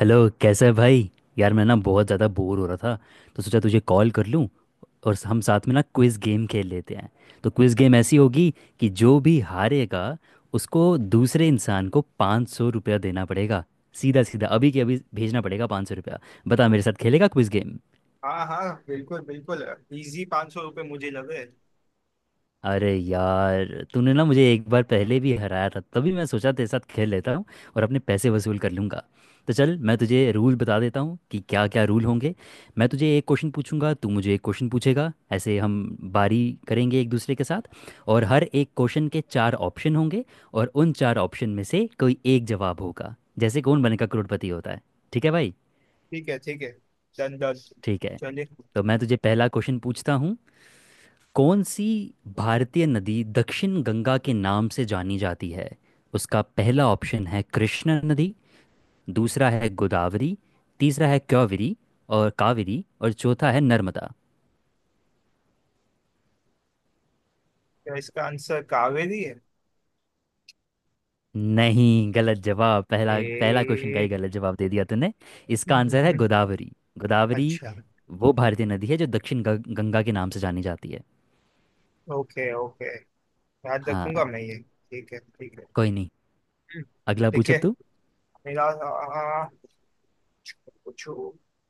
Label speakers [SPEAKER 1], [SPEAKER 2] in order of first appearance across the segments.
[SPEAKER 1] Hello, कैसा है भाई। यार, मैं ना बहुत ज़्यादा बोर हो रहा था, तो सोचा तुझे कॉल कर लूँ और हम साथ में ना क्विज़ गेम खेल लेते हैं। तो क्विज़ गेम ऐसी होगी कि जो भी हारेगा उसको दूसरे इंसान को पाँच सौ रुपया देना पड़ेगा। सीधा सीधा अभी के अभी भेजना पड़ेगा पाँच सौ रुपया। बता मेरे साथ खेलेगा क्विज़ गेम?
[SPEAKER 2] हाँ हाँ बिल्कुल बिल्कुल। इजी 500 रुपये मुझे लगे।
[SPEAKER 1] अरे यार, तूने ना मुझे एक बार पहले भी हराया था, तभी मैं सोचा तेरे साथ खेल लेता हूँ और अपने पैसे वसूल कर लूँगा। तो चल, मैं तुझे रूल बता देता हूँ कि क्या क्या रूल होंगे। मैं तुझे एक क्वेश्चन पूछूंगा, तू मुझे एक क्वेश्चन पूछेगा, ऐसे हम बारी करेंगे एक दूसरे के साथ। और हर एक क्वेश्चन के चार ऑप्शन होंगे और उन चार ऑप्शन में से कोई एक जवाब होगा, जैसे कौन बनेगा करोड़पति होता है। ठीक है भाई।
[SPEAKER 2] ठीक है ठीक है। Done done.
[SPEAKER 1] ठीक है।
[SPEAKER 2] चलिए।
[SPEAKER 1] तो मैं तुझे पहला क्वेश्चन पूछता हूँ। कौन सी भारतीय नदी दक्षिण गंगा के नाम से जानी जाती है? उसका पहला ऑप्शन है कृष्णा नदी, दूसरा है गोदावरी, तीसरा है क्योवरी और कावेरी, और चौथा है नर्मदा।
[SPEAKER 2] क्या इसका आंसर कावेरी है?
[SPEAKER 1] नहीं, गलत जवाब। पहला पहला
[SPEAKER 2] ए!
[SPEAKER 1] क्वेश्चन का ही गलत जवाब दे दिया तूने। इसका आंसर है
[SPEAKER 2] हम्म।
[SPEAKER 1] गोदावरी। गोदावरी
[SPEAKER 2] अच्छा।
[SPEAKER 1] वो भारतीय नदी है जो दक्षिण गंगा के नाम से जानी जाती है।
[SPEAKER 2] Okay okay. याद
[SPEAKER 1] हाँ,
[SPEAKER 2] रखूंगा मैं ये, ठीक है ठीक है।
[SPEAKER 1] कोई नहीं,
[SPEAKER 2] हम्म।
[SPEAKER 1] अगला
[SPEAKER 2] ठीक
[SPEAKER 1] पूछ
[SPEAKER 2] है।
[SPEAKER 1] अब
[SPEAKER 2] मेरा आ, पूछो।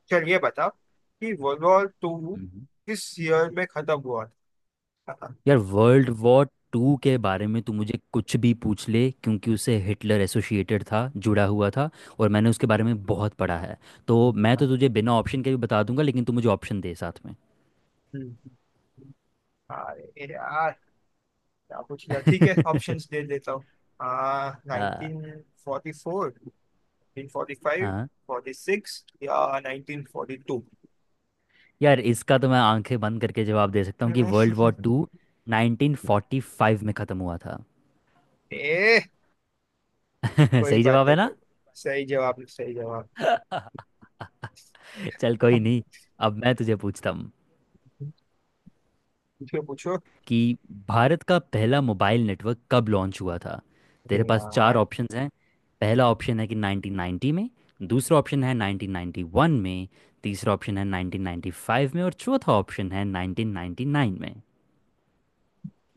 [SPEAKER 2] चल ये बताओ कि वर्ल्ड वॉर टू
[SPEAKER 1] तू।
[SPEAKER 2] किस ईयर में खत्म हुआ था।
[SPEAKER 1] यार, वर्ल्ड वॉर टू के बारे में तू मुझे कुछ भी पूछ ले, क्योंकि उसे हिटलर एसोसिएटेड था, जुड़ा हुआ था, और मैंने उसके बारे में बहुत पढ़ा है। तो मैं तो तुझे बिना ऑप्शन के भी बता दूंगा, लेकिन तू मुझे ऑप्शन दे साथ में।
[SPEAKER 2] हम्म। अरे यार क्या पूछ लिया। ठीक है ऑप्शंस दे देता हूँ। आ
[SPEAKER 1] हाँ,
[SPEAKER 2] 1944, 1945,
[SPEAKER 1] हाँ।
[SPEAKER 2] 46 या 1942।
[SPEAKER 1] यार, इसका तो मैं आंखें बंद करके जवाब दे सकता हूँ कि वर्ल्ड वॉर टू 1945 में ख़त्म हुआ था।
[SPEAKER 2] ए! कोई
[SPEAKER 1] सही
[SPEAKER 2] बात
[SPEAKER 1] जवाब
[SPEAKER 2] नहीं
[SPEAKER 1] है ना।
[SPEAKER 2] कर। सही जवाब, सही जवाब।
[SPEAKER 1] चल, कोई नहीं, अब मैं तुझे पूछता हूँ।
[SPEAKER 2] पूछो पूछो।
[SPEAKER 1] कि भारत का पहला मोबाइल नेटवर्क कब लॉन्च हुआ था?
[SPEAKER 2] अरे
[SPEAKER 1] तेरे पास चार
[SPEAKER 2] यार,
[SPEAKER 1] ऑप्शंस हैं। पहला ऑप्शन है कि 1990 में, दूसरा ऑप्शन है 1991 में, तीसरा ऑप्शन है 1995 में, और चौथा ऑप्शन है 1999 में।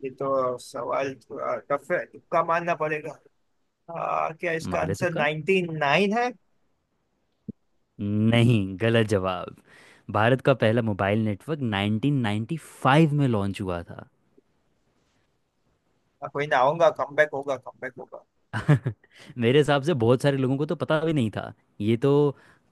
[SPEAKER 2] ये तो सवाल थोड़ा टफ है, तुक्का मानना पड़ेगा। क्या इसका
[SPEAKER 1] मारे तो
[SPEAKER 2] आंसर
[SPEAKER 1] का।
[SPEAKER 2] 99 नाइन है?
[SPEAKER 1] नहीं, गलत जवाब। भारत का पहला मोबाइल नेटवर्क 1995 में लॉन्च हुआ था।
[SPEAKER 2] कोई ना, आऊंगा, कमबैक होगा कमबैक होगा।
[SPEAKER 1] मेरे हिसाब से बहुत सारे लोगों को तो पता भी नहीं था ये तो।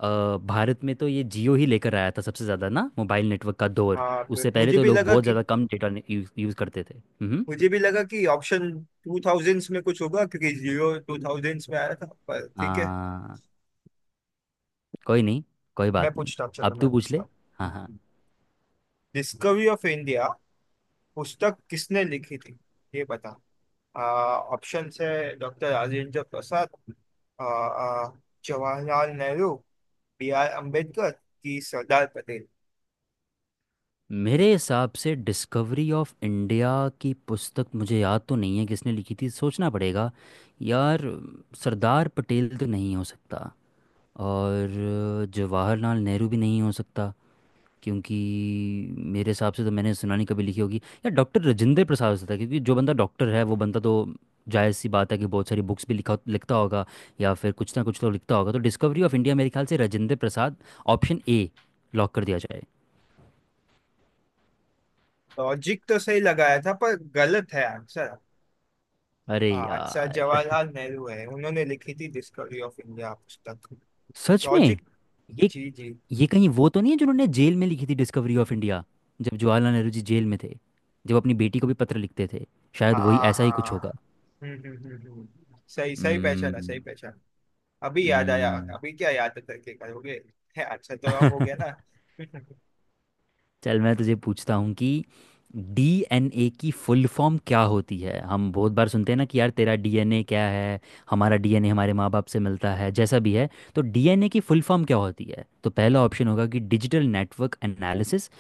[SPEAKER 1] भारत में तो ये जियो ही लेकर आया था सबसे ज़्यादा ना, मोबाइल नेटवर्क का दौर।
[SPEAKER 2] हाँ,
[SPEAKER 1] उससे पहले
[SPEAKER 2] मुझे
[SPEAKER 1] तो
[SPEAKER 2] भी
[SPEAKER 1] लोग
[SPEAKER 2] लगा
[SPEAKER 1] बहुत
[SPEAKER 2] कि
[SPEAKER 1] ज़्यादा कम डेटा यूज़ करते थे। हम्म।
[SPEAKER 2] मुझे भी लगा कि ऑप्शन टू थाउजेंड्स में कुछ होगा, क्योंकि जीरो टू थाउजेंड्स में आया था, पर ठीक है।
[SPEAKER 1] हाँ, कोई नहीं, कोई
[SPEAKER 2] मैं
[SPEAKER 1] बात नहीं।
[SPEAKER 2] पूछता हूँ, चलो
[SPEAKER 1] अब
[SPEAKER 2] मैं
[SPEAKER 1] तू पूछ
[SPEAKER 2] पूछता
[SPEAKER 1] ले। हाँ, हाँ।
[SPEAKER 2] हूँ। डिस्कवरी ऑफ इंडिया पुस्तक किसने लिखी थी, ये बता। ऑप्शन है डॉक्टर राजेंद्र प्रसाद, आ, आ, जवाहरलाल नेहरू, BR अम्बेडकर की सरदार पटेल।
[SPEAKER 1] मेरे हिसाब से डिस्कवरी ऑफ इंडिया की पुस्तक मुझे याद तो नहीं है किसने लिखी थी, सोचना पड़ेगा। यार, सरदार पटेल तो नहीं हो सकता और जवाहरलाल नेहरू भी नहीं हो सकता, क्योंकि मेरे हिसाब से तो मैंने सुना नहीं कभी लिखी होगी। या डॉक्टर राजेंद्र प्रसाद हो सकता है, क्योंकि जो बंदा डॉक्टर है वो बंदा तो जायज़ सी बात है कि बहुत सारी बुक्स भी लिखा लिखता होगा या फिर कुछ ना कुछ तो लिखता होगा। तो डिस्कवरी ऑफ इंडिया मेरे ख्याल से Rajendra Prasad, option A, lock कर दिया जाए।
[SPEAKER 2] लॉजिक तो सही लगाया था, पर गलत है आंसर।
[SPEAKER 1] अरे
[SPEAKER 2] आंसर
[SPEAKER 1] यार,
[SPEAKER 2] जवाहरलाल नेहरू है, उन्होंने लिखी थी डिस्कवरी ऑफ इंडिया पुस्तक।
[SPEAKER 1] सच में?
[SPEAKER 2] लॉजिक।
[SPEAKER 1] ये
[SPEAKER 2] जी जी।
[SPEAKER 1] ये कहीं वो तो नहीं है जिन्होंने जेल में लिखी थी डिस्कवरी ऑफ इंडिया? जब जवाहरलाल नेहरू जी जेल में थे, जब अपनी बेटी को भी पत्र लिखते थे, शायद वही,
[SPEAKER 2] हाँ
[SPEAKER 1] ऐसा ही कुछ होगा।
[SPEAKER 2] हाँ। हम्म हम्म हम्म हम्म। सही सही पहचान है,
[SPEAKER 1] हम्म।
[SPEAKER 2] सही पहचान। अभी याद आया,
[SPEAKER 1] हम्म।
[SPEAKER 2] अभी क्या याद करके करोगे। है, अच्छा तो रंग हो गया ना।
[SPEAKER 1] चल, मैं तुझे पूछता हूँ कि डीएनए की फुल फॉर्म क्या होती है। हम बहुत बार सुनते हैं ना कि यार तेरा डीएनए क्या है, हमारा डीएनए हमारे माँ बाप से मिलता है जैसा भी है। तो डीएनए की फुल फॉर्म क्या होती है? तो पहला ऑप्शन होगा कि डिजिटल नेटवर्क एनालिसिस,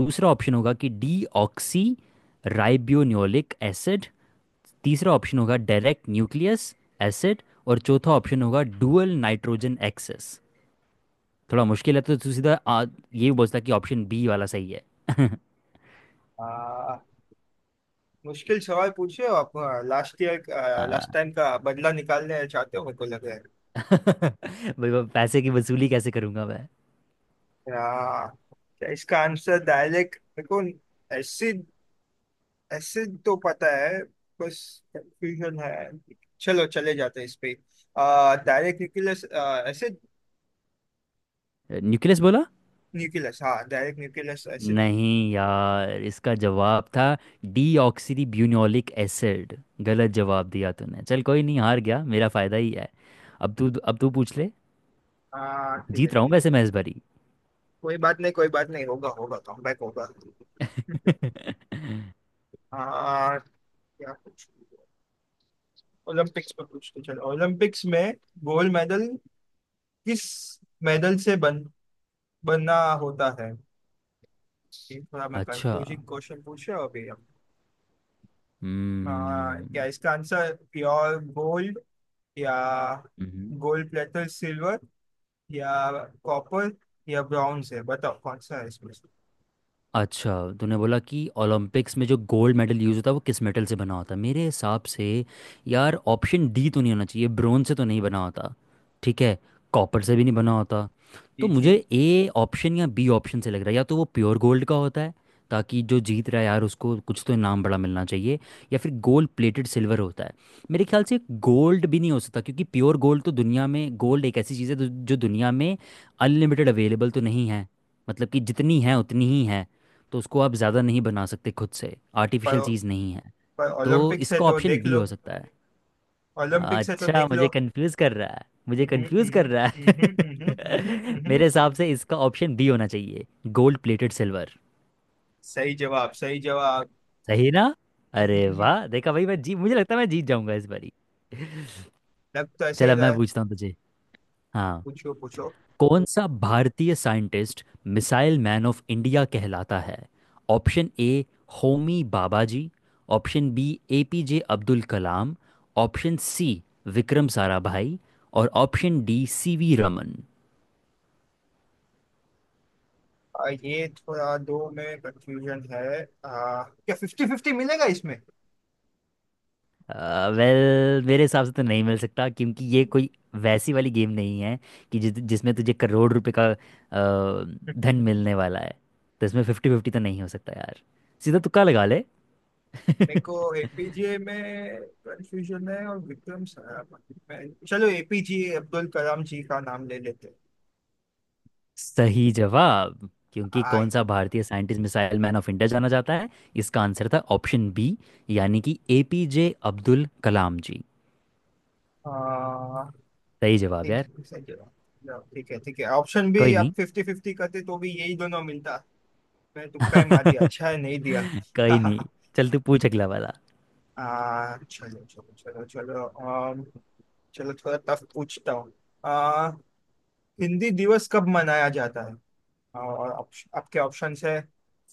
[SPEAKER 1] दूसरा ऑप्शन होगा कि डीऑक्सी राइबोन्यूक्लिक एसिड, तीसरा ऑप्शन होगा डायरेक्ट न्यूक्लियस एसिड, और चौथा ऑप्शन होगा डुअल नाइट्रोजन एक्सेस। थोड़ा मुश्किल है, तो तू सीधा ये बोलता कि ऑप्शन बी वाला सही है।
[SPEAKER 2] आ, मुश्किल सवाल पूछ रहे हो आप। लास्ट ईयर लास्ट
[SPEAKER 1] आ,
[SPEAKER 2] टाइम का बदला निकालने चाहते हो, मेरे को लग रहा है।
[SPEAKER 1] भाई, वो पैसे की वसूली कैसे करूंगा मैं।
[SPEAKER 2] आ, क्या इसका आंसर डायरेक्ट मेरे को? एसिड एसिड तो पता है, बस कंफ्यूजन है। चलो चले जाते हैं इस पे। Direct nucleus acid.
[SPEAKER 1] न्यूक्लियस बोला।
[SPEAKER 2] न्यूक्लियस, हाँ, डायरेक्ट न्यूक्लियस एसिड।
[SPEAKER 1] नहीं यार, इसका जवाब था डीऑक्सी ब्यूनोलिक एसिड। गलत जवाब दिया तूने, चल कोई नहीं, हार गया, मेरा फायदा ही है। अब तू पूछ ले।
[SPEAKER 2] हाँ, ठीक है
[SPEAKER 1] जीत रहा
[SPEAKER 2] ठीक
[SPEAKER 1] हूँ
[SPEAKER 2] है ठीक
[SPEAKER 1] वैसे
[SPEAKER 2] है।
[SPEAKER 1] मैं इस बारी।
[SPEAKER 2] कोई बात नहीं, कोई बात नहीं, होगा होगा कमबैक होगा। हाँ। क्या कुछ ओलंपिक्स पर पूछते, चलो ओलंपिक्स में गोल्ड मेडल किस मेडल से बन बनना होता है? ये थोड़ा मैं
[SPEAKER 1] अच्छा।
[SPEAKER 2] कंफ्यूजिंग क्वेश्चन पूछ रहा हूँ अभी। हम। हाँ, क्या
[SPEAKER 1] हम्म।
[SPEAKER 2] इसका आंसर प्योर गोल्ड या
[SPEAKER 1] हम्म।
[SPEAKER 2] गोल्ड प्लेटर सिल्वर या कॉपर या ब्रॉन्ज है? बताओ कौन सा है इसमें से?
[SPEAKER 1] अच्छा, तूने बोला कि ओलंपिक्स में जो गोल्ड मेडल यूज़ होता है वो किस मेटल से बना होता है। मेरे हिसाब से, यार, ऑप्शन डी तो नहीं होना चाहिए, ब्रोंज से तो नहीं बना होता। ठीक है, कॉपर से भी नहीं बना होता।
[SPEAKER 2] जी
[SPEAKER 1] तो मुझे
[SPEAKER 2] जी।
[SPEAKER 1] ए ऑप्शन या बी ऑप्शन से लग रहा है, या तो वो प्योर गोल्ड का होता है ताकि जो जीत रहा है यार उसको कुछ तो इनाम बड़ा मिलना चाहिए, या फिर गोल्ड प्लेटेड सिल्वर होता है। मेरे ख्याल से गोल्ड भी नहीं हो सकता, क्योंकि प्योर गोल्ड तो, दुनिया में गोल्ड एक ऐसी चीज़ है जो, जो दुनिया में अनलिमिटेड अवेलेबल तो नहीं है, मतलब कि जितनी है उतनी ही है, तो उसको आप ज़्यादा नहीं बना सकते खुद से, आर्टिफिशियल
[SPEAKER 2] पर
[SPEAKER 1] चीज़ नहीं है।
[SPEAKER 2] पर
[SPEAKER 1] तो
[SPEAKER 2] ओलंपिक्स है
[SPEAKER 1] इसका
[SPEAKER 2] तो
[SPEAKER 1] ऑप्शन
[SPEAKER 2] देख
[SPEAKER 1] बी
[SPEAKER 2] लो।
[SPEAKER 1] हो सकता है।
[SPEAKER 2] ओलंपिक्स है तो
[SPEAKER 1] अच्छा,
[SPEAKER 2] देख लो।
[SPEAKER 1] मुझे कंफ्यूज कर रहा है, मुझे
[SPEAKER 2] हम्म,
[SPEAKER 1] कंफ्यूज कर
[SPEAKER 2] हम्म,
[SPEAKER 1] रहा
[SPEAKER 2] हम्म,
[SPEAKER 1] है।
[SPEAKER 2] हम्म, हम्म, हम्म।
[SPEAKER 1] मेरे हिसाब से इसका ऑप्शन बी होना चाहिए, गोल्ड प्लेटेड सिल्वर।
[SPEAKER 2] सही जवाब, सही जवाब।
[SPEAKER 1] सही ना? अरे वाह, देखा भाई, मैं जी मुझे लगता है मैं जीत जाऊंगा इस बारी।
[SPEAKER 2] लग तो ऐसे ही
[SPEAKER 1] चलो,
[SPEAKER 2] रहा
[SPEAKER 1] मैं
[SPEAKER 2] है।
[SPEAKER 1] पूछता हूँ तुझे। हाँ।
[SPEAKER 2] पूछो पूछो।
[SPEAKER 1] कौन सा भारतीय scientist missile man of India कहलाता है? ऑप्शन ए होमी बाबाजी, option B APJ Abdul Kalam, option C Vikram Sarabhai, और ऑप्शन डी सीवी रमन।
[SPEAKER 2] ये थोड़ा दो में कंफ्यूजन है। क्या 50-50 मिलेगा इसमें?
[SPEAKER 1] वेल, मेरे हिसाब से तो नहीं मिल सकता, क्योंकि ये कोई वैसी वाली गेम नहीं है कि जिस जिसमें तुझे करोड़ रुपए का धन मिलने वाला है। तो इसमें फिफ्टी फिफ्टी तो नहीं हो सकता यार, सीधा तुक्का लगा ले।
[SPEAKER 2] मेरे को एपीजे में कंफ्यूजन है और विक्रम साराभाई में। चलो एपीजे अब्दुल कलाम जी का नाम ले लेते हैं।
[SPEAKER 1] सही जवाब। क्योंकि
[SPEAKER 2] आ,
[SPEAKER 1] कौन सा
[SPEAKER 2] ये-
[SPEAKER 1] भारतीय scientist missile man of India जाना जाता है, इसका आंसर था ऑप्शन बी, यानी कि एपीजे अब्दुल कलाम जी।
[SPEAKER 2] आ,
[SPEAKER 1] सही जवाब
[SPEAKER 2] ठीक
[SPEAKER 1] यार।
[SPEAKER 2] है, सही जवाब। जवाब, ठीक है ठीक है। ऑप्शन भी
[SPEAKER 1] कोई
[SPEAKER 2] आप
[SPEAKER 1] नहीं।
[SPEAKER 2] 50-50 करते तो भी यही दोनों मिलता। मैं तुक्का ही मार दिया, अच्छा है नहीं दिया।
[SPEAKER 1] कोई नहीं, चल तू पूछ अगला वाला।
[SPEAKER 2] चलो चलो चलो चलो, चलो थोड़ा टफ पूछता हूँ। आ, हिंदी दिवस कब मनाया जाता है? और आपके ऑप्शंस है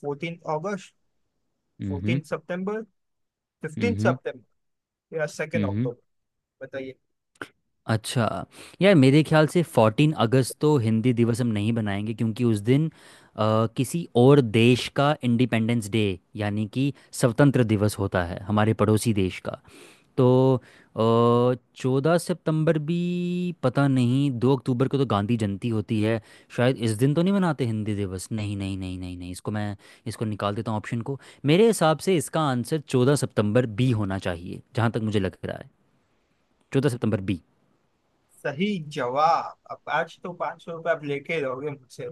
[SPEAKER 2] 14 अगस्त,
[SPEAKER 1] हम्म।
[SPEAKER 2] 14 सितंबर, फिफ्टीन
[SPEAKER 1] हम्म।
[SPEAKER 2] सितंबर या सेकेंड
[SPEAKER 1] हम्म।
[SPEAKER 2] अक्टूबर बताइए।
[SPEAKER 1] अच्छा, यार मेरे ख्याल से फोर्टीन अगस्त तो हिंदी दिवस हम नहीं बनाएंगे, क्योंकि उस दिन किसी और देश का इंडिपेंडेंस डे, यानी कि स्वतंत्र दिवस, होता है, हमारे पड़ोसी देश का। तो चौदह सितंबर भी, पता नहीं, दो अक्टूबर को तो गांधी जयंती होती है, शायद इस दिन तो नहीं मनाते हिंदी दिवस। नहीं नहीं नहीं नहीं नहीं, इसको निकाल देता हूँ ऑप्शन को। मेरे हिसाब से इसका आंसर चौदह सितंबर बी होना चाहिए, जहाँ तक मुझे लग रहा है, चौदह सितंबर बी।
[SPEAKER 2] सही जवाब। अब आज तो 500 रुपये आप लेके रहोगे मुझसे।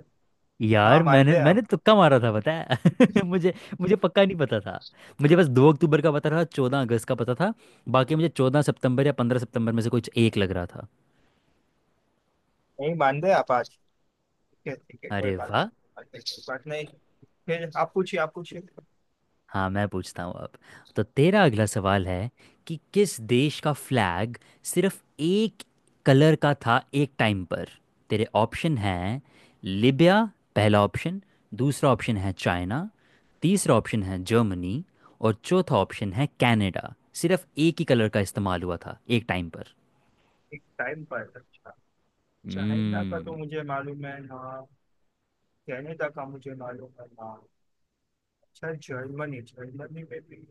[SPEAKER 2] ना
[SPEAKER 1] यार,
[SPEAKER 2] मान
[SPEAKER 1] मैंने
[SPEAKER 2] रहे
[SPEAKER 1] मैंने
[SPEAKER 2] आप,
[SPEAKER 1] तुक्का मारा था पता है। मुझे, मुझे पक्का नहीं पता था। मुझे बस दो अक्टूबर का पता था, चौदह अगस्त का पता था। बाकी मुझे चौदह सितंबर या पंद्रह सितंबर में से कुछ एक लग रहा था।
[SPEAKER 2] नहीं मान रहे आप आज। ठीक है ठीक है, कोई
[SPEAKER 1] अरे
[SPEAKER 2] बात
[SPEAKER 1] वाह।
[SPEAKER 2] नहीं, कोई बात नहीं, कोई बात नहीं। फिर आप पूछिए, आप पूछिए।
[SPEAKER 1] हाँ, मैं पूछता हूँ अब। तो तेरा अगला सवाल है कि किस देश का फ्लैग सिर्फ एक कलर का था एक टाइम पर? तेरे ऑप्शन हैं, लिबिया पहला ऑप्शन, दूसरा ऑप्शन है चाइना, तीसरा ऑप्शन है जर्मनी, और चौथा ऑप्शन है कनाडा। सिर्फ एक ही कलर का इस्तेमाल हुआ था एक टाइम पर।
[SPEAKER 2] एक टाइम पर, अच्छा। चाइना का तो मुझे मालूम है ना, कनाडा का मुझे मालूम है ना। अच्छा, जर्मनी, जर्मनी में भी।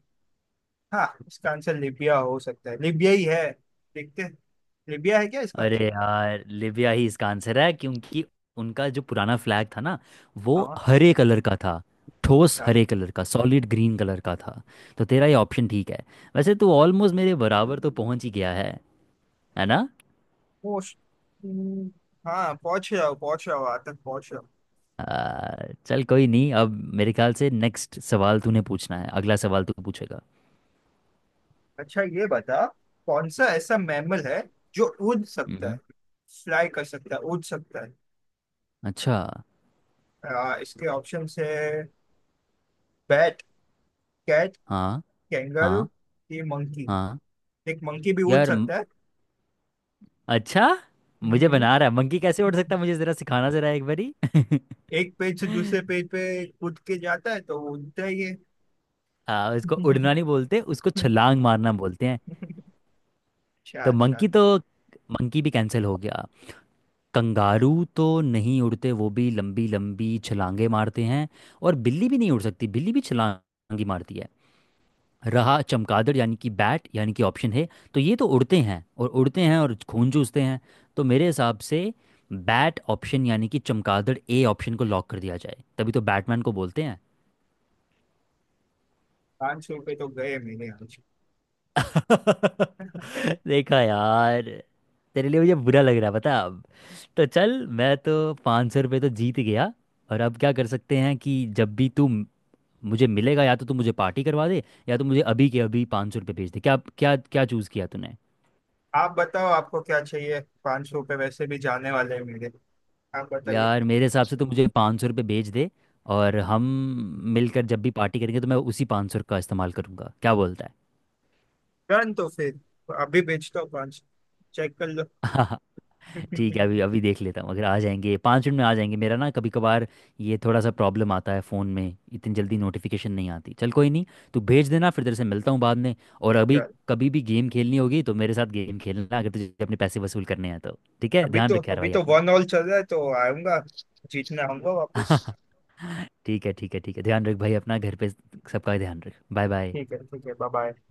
[SPEAKER 2] हाँ, इसका आंसर लीबिया हो सकता है, लीबिया ही है, देखते हैं, लीबिया है क्या इसका
[SPEAKER 1] अरे
[SPEAKER 2] आंसर?
[SPEAKER 1] यार, लिबिया ही इसका आंसर है, क्योंकि उनका जो पुराना फ्लैग था ना वो
[SPEAKER 2] हाँ।
[SPEAKER 1] हरे कलर का था, ठोस
[SPEAKER 2] अच्छा।
[SPEAKER 1] हरे कलर का, सॉलिड ग्रीन कलर का था। तो तेरा ये ऑप्शन ठीक है। वैसे तू ऑलमोस्ट मेरे बराबर तो पहुंच ही गया है ना।
[SPEAKER 2] पोस्ट। हम्म। हाँ, पहुंच जाओ पहुंच जाओ, आज तक पहुंच जाओ।
[SPEAKER 1] आ, चल कोई नहीं, अब मेरे ख्याल से नेक्स्ट सवाल तूने पूछना है, अगला सवाल तू पूछेगा।
[SPEAKER 2] अच्छा, ये बता, कौन सा ऐसा मैमल है जो उड़ सकता है,
[SPEAKER 1] मम्म।
[SPEAKER 2] फ्लाई कर सकता है, उड़ सकता है?
[SPEAKER 1] अच्छा।
[SPEAKER 2] इसके ऑप्शन है बैट, कैट,
[SPEAKER 1] हाँ।
[SPEAKER 2] कैंगारू,
[SPEAKER 1] हाँ।
[SPEAKER 2] ये मंकी।
[SPEAKER 1] हाँ।
[SPEAKER 2] एक मंकी भी उड़
[SPEAKER 1] यार म-
[SPEAKER 2] सकता है।
[SPEAKER 1] अच्छा, मुझे
[SPEAKER 2] हम्म।
[SPEAKER 1] बना रहा है, मंकी कैसे उड़ सकता है, मुझे जरा सिखाना जरा एक बारी।
[SPEAKER 2] एक पेज से दूसरे पेज पे कूद के जाता है तो वो उड़ता ही है।
[SPEAKER 1] इसको उड़ना नहीं बोलते, उसको छलांग मारना बोलते हैं।
[SPEAKER 2] अच्छा
[SPEAKER 1] तो
[SPEAKER 2] अच्छा।
[SPEAKER 1] मंकी तो, मंकी भी कैंसिल हो गया। कंगारू तो नहीं उड़ते, वो भी लंबी लंबी छलांगे मारते हैं। और बिल्ली भी नहीं उड़ सकती, बिल्ली भी छलांग ही मारती है। रहा चमगादड़, यानी कि बैट, यानी कि ऑप्शन है तो ये तो उड़ते हैं और खून चूसते हैं। तो मेरे हिसाब से बैट ऑप्शन, यानी कि चमगादड़, ए ऑप्शन को लॉक कर दिया जाए। तभी तो बैटमैन को बोलते हैं।
[SPEAKER 2] 500 रुपये तो गए मेरे आज।
[SPEAKER 1] देखा यार, तेरे लिए मुझे बुरा लग रहा है पता है। अब तो चल, मैं तो पाँच सौ रुपये तो जीत गया, और अब क्या कर सकते हैं कि जब भी तू मुझे मिलेगा, या तो तू मुझे पार्टी करवा दे या तो मुझे अभी के अभी पाँच सौ रुपये भेज दे, क्या क्या क्या चूज़ किया तूने?
[SPEAKER 2] आप बताओ आपको क्या चाहिए, 500 रुपये वैसे भी जाने वाले हैं मेरे। आप बताइए।
[SPEAKER 1] यार, मेरे हिसाब से तो मुझे पाँच सौ रुपये भेज दे और हम मिलकर जब भी पार्टी करेंगे तो मैं उसी पाँच सौ का इस्तेमाल करूंगा, क्या बोलता
[SPEAKER 2] डन तो फिर। अभी बेचता हूँ, पाँच चेक कर लो।
[SPEAKER 1] है? ठीक है, अभी
[SPEAKER 2] क्या?
[SPEAKER 1] अभी देख लेता हूँ, अगर आ जाएंगे पाँच मिनट में आ जाएंगे। मेरा ना कभी कभार ये थोड़ा सा प्रॉब्लम आता है, फ़ोन में इतनी जल्दी नोटिफिकेशन नहीं आती। चल कोई नहीं, तू भेज देना, फिर तेरे से मिलता हूँ बाद में। और अभी कभी भी गेम खेलनी होगी तो मेरे साथ गेम खेलना, अगर तुझे अपने पैसे वसूल करने हैं तो। ठीक है, ध्यान रख यार
[SPEAKER 2] अभी
[SPEAKER 1] भाई
[SPEAKER 2] तो
[SPEAKER 1] अपना।
[SPEAKER 2] 1-1 चल रहा है तो आऊंगा, जीतना आऊंगा वापस।
[SPEAKER 1] ठीक है, ठीक है, ठीक है, ध्यान रख भाई अपना, घर पे सबका ध्यान रख, बाय बाय।
[SPEAKER 2] ठीक है बाय बाय।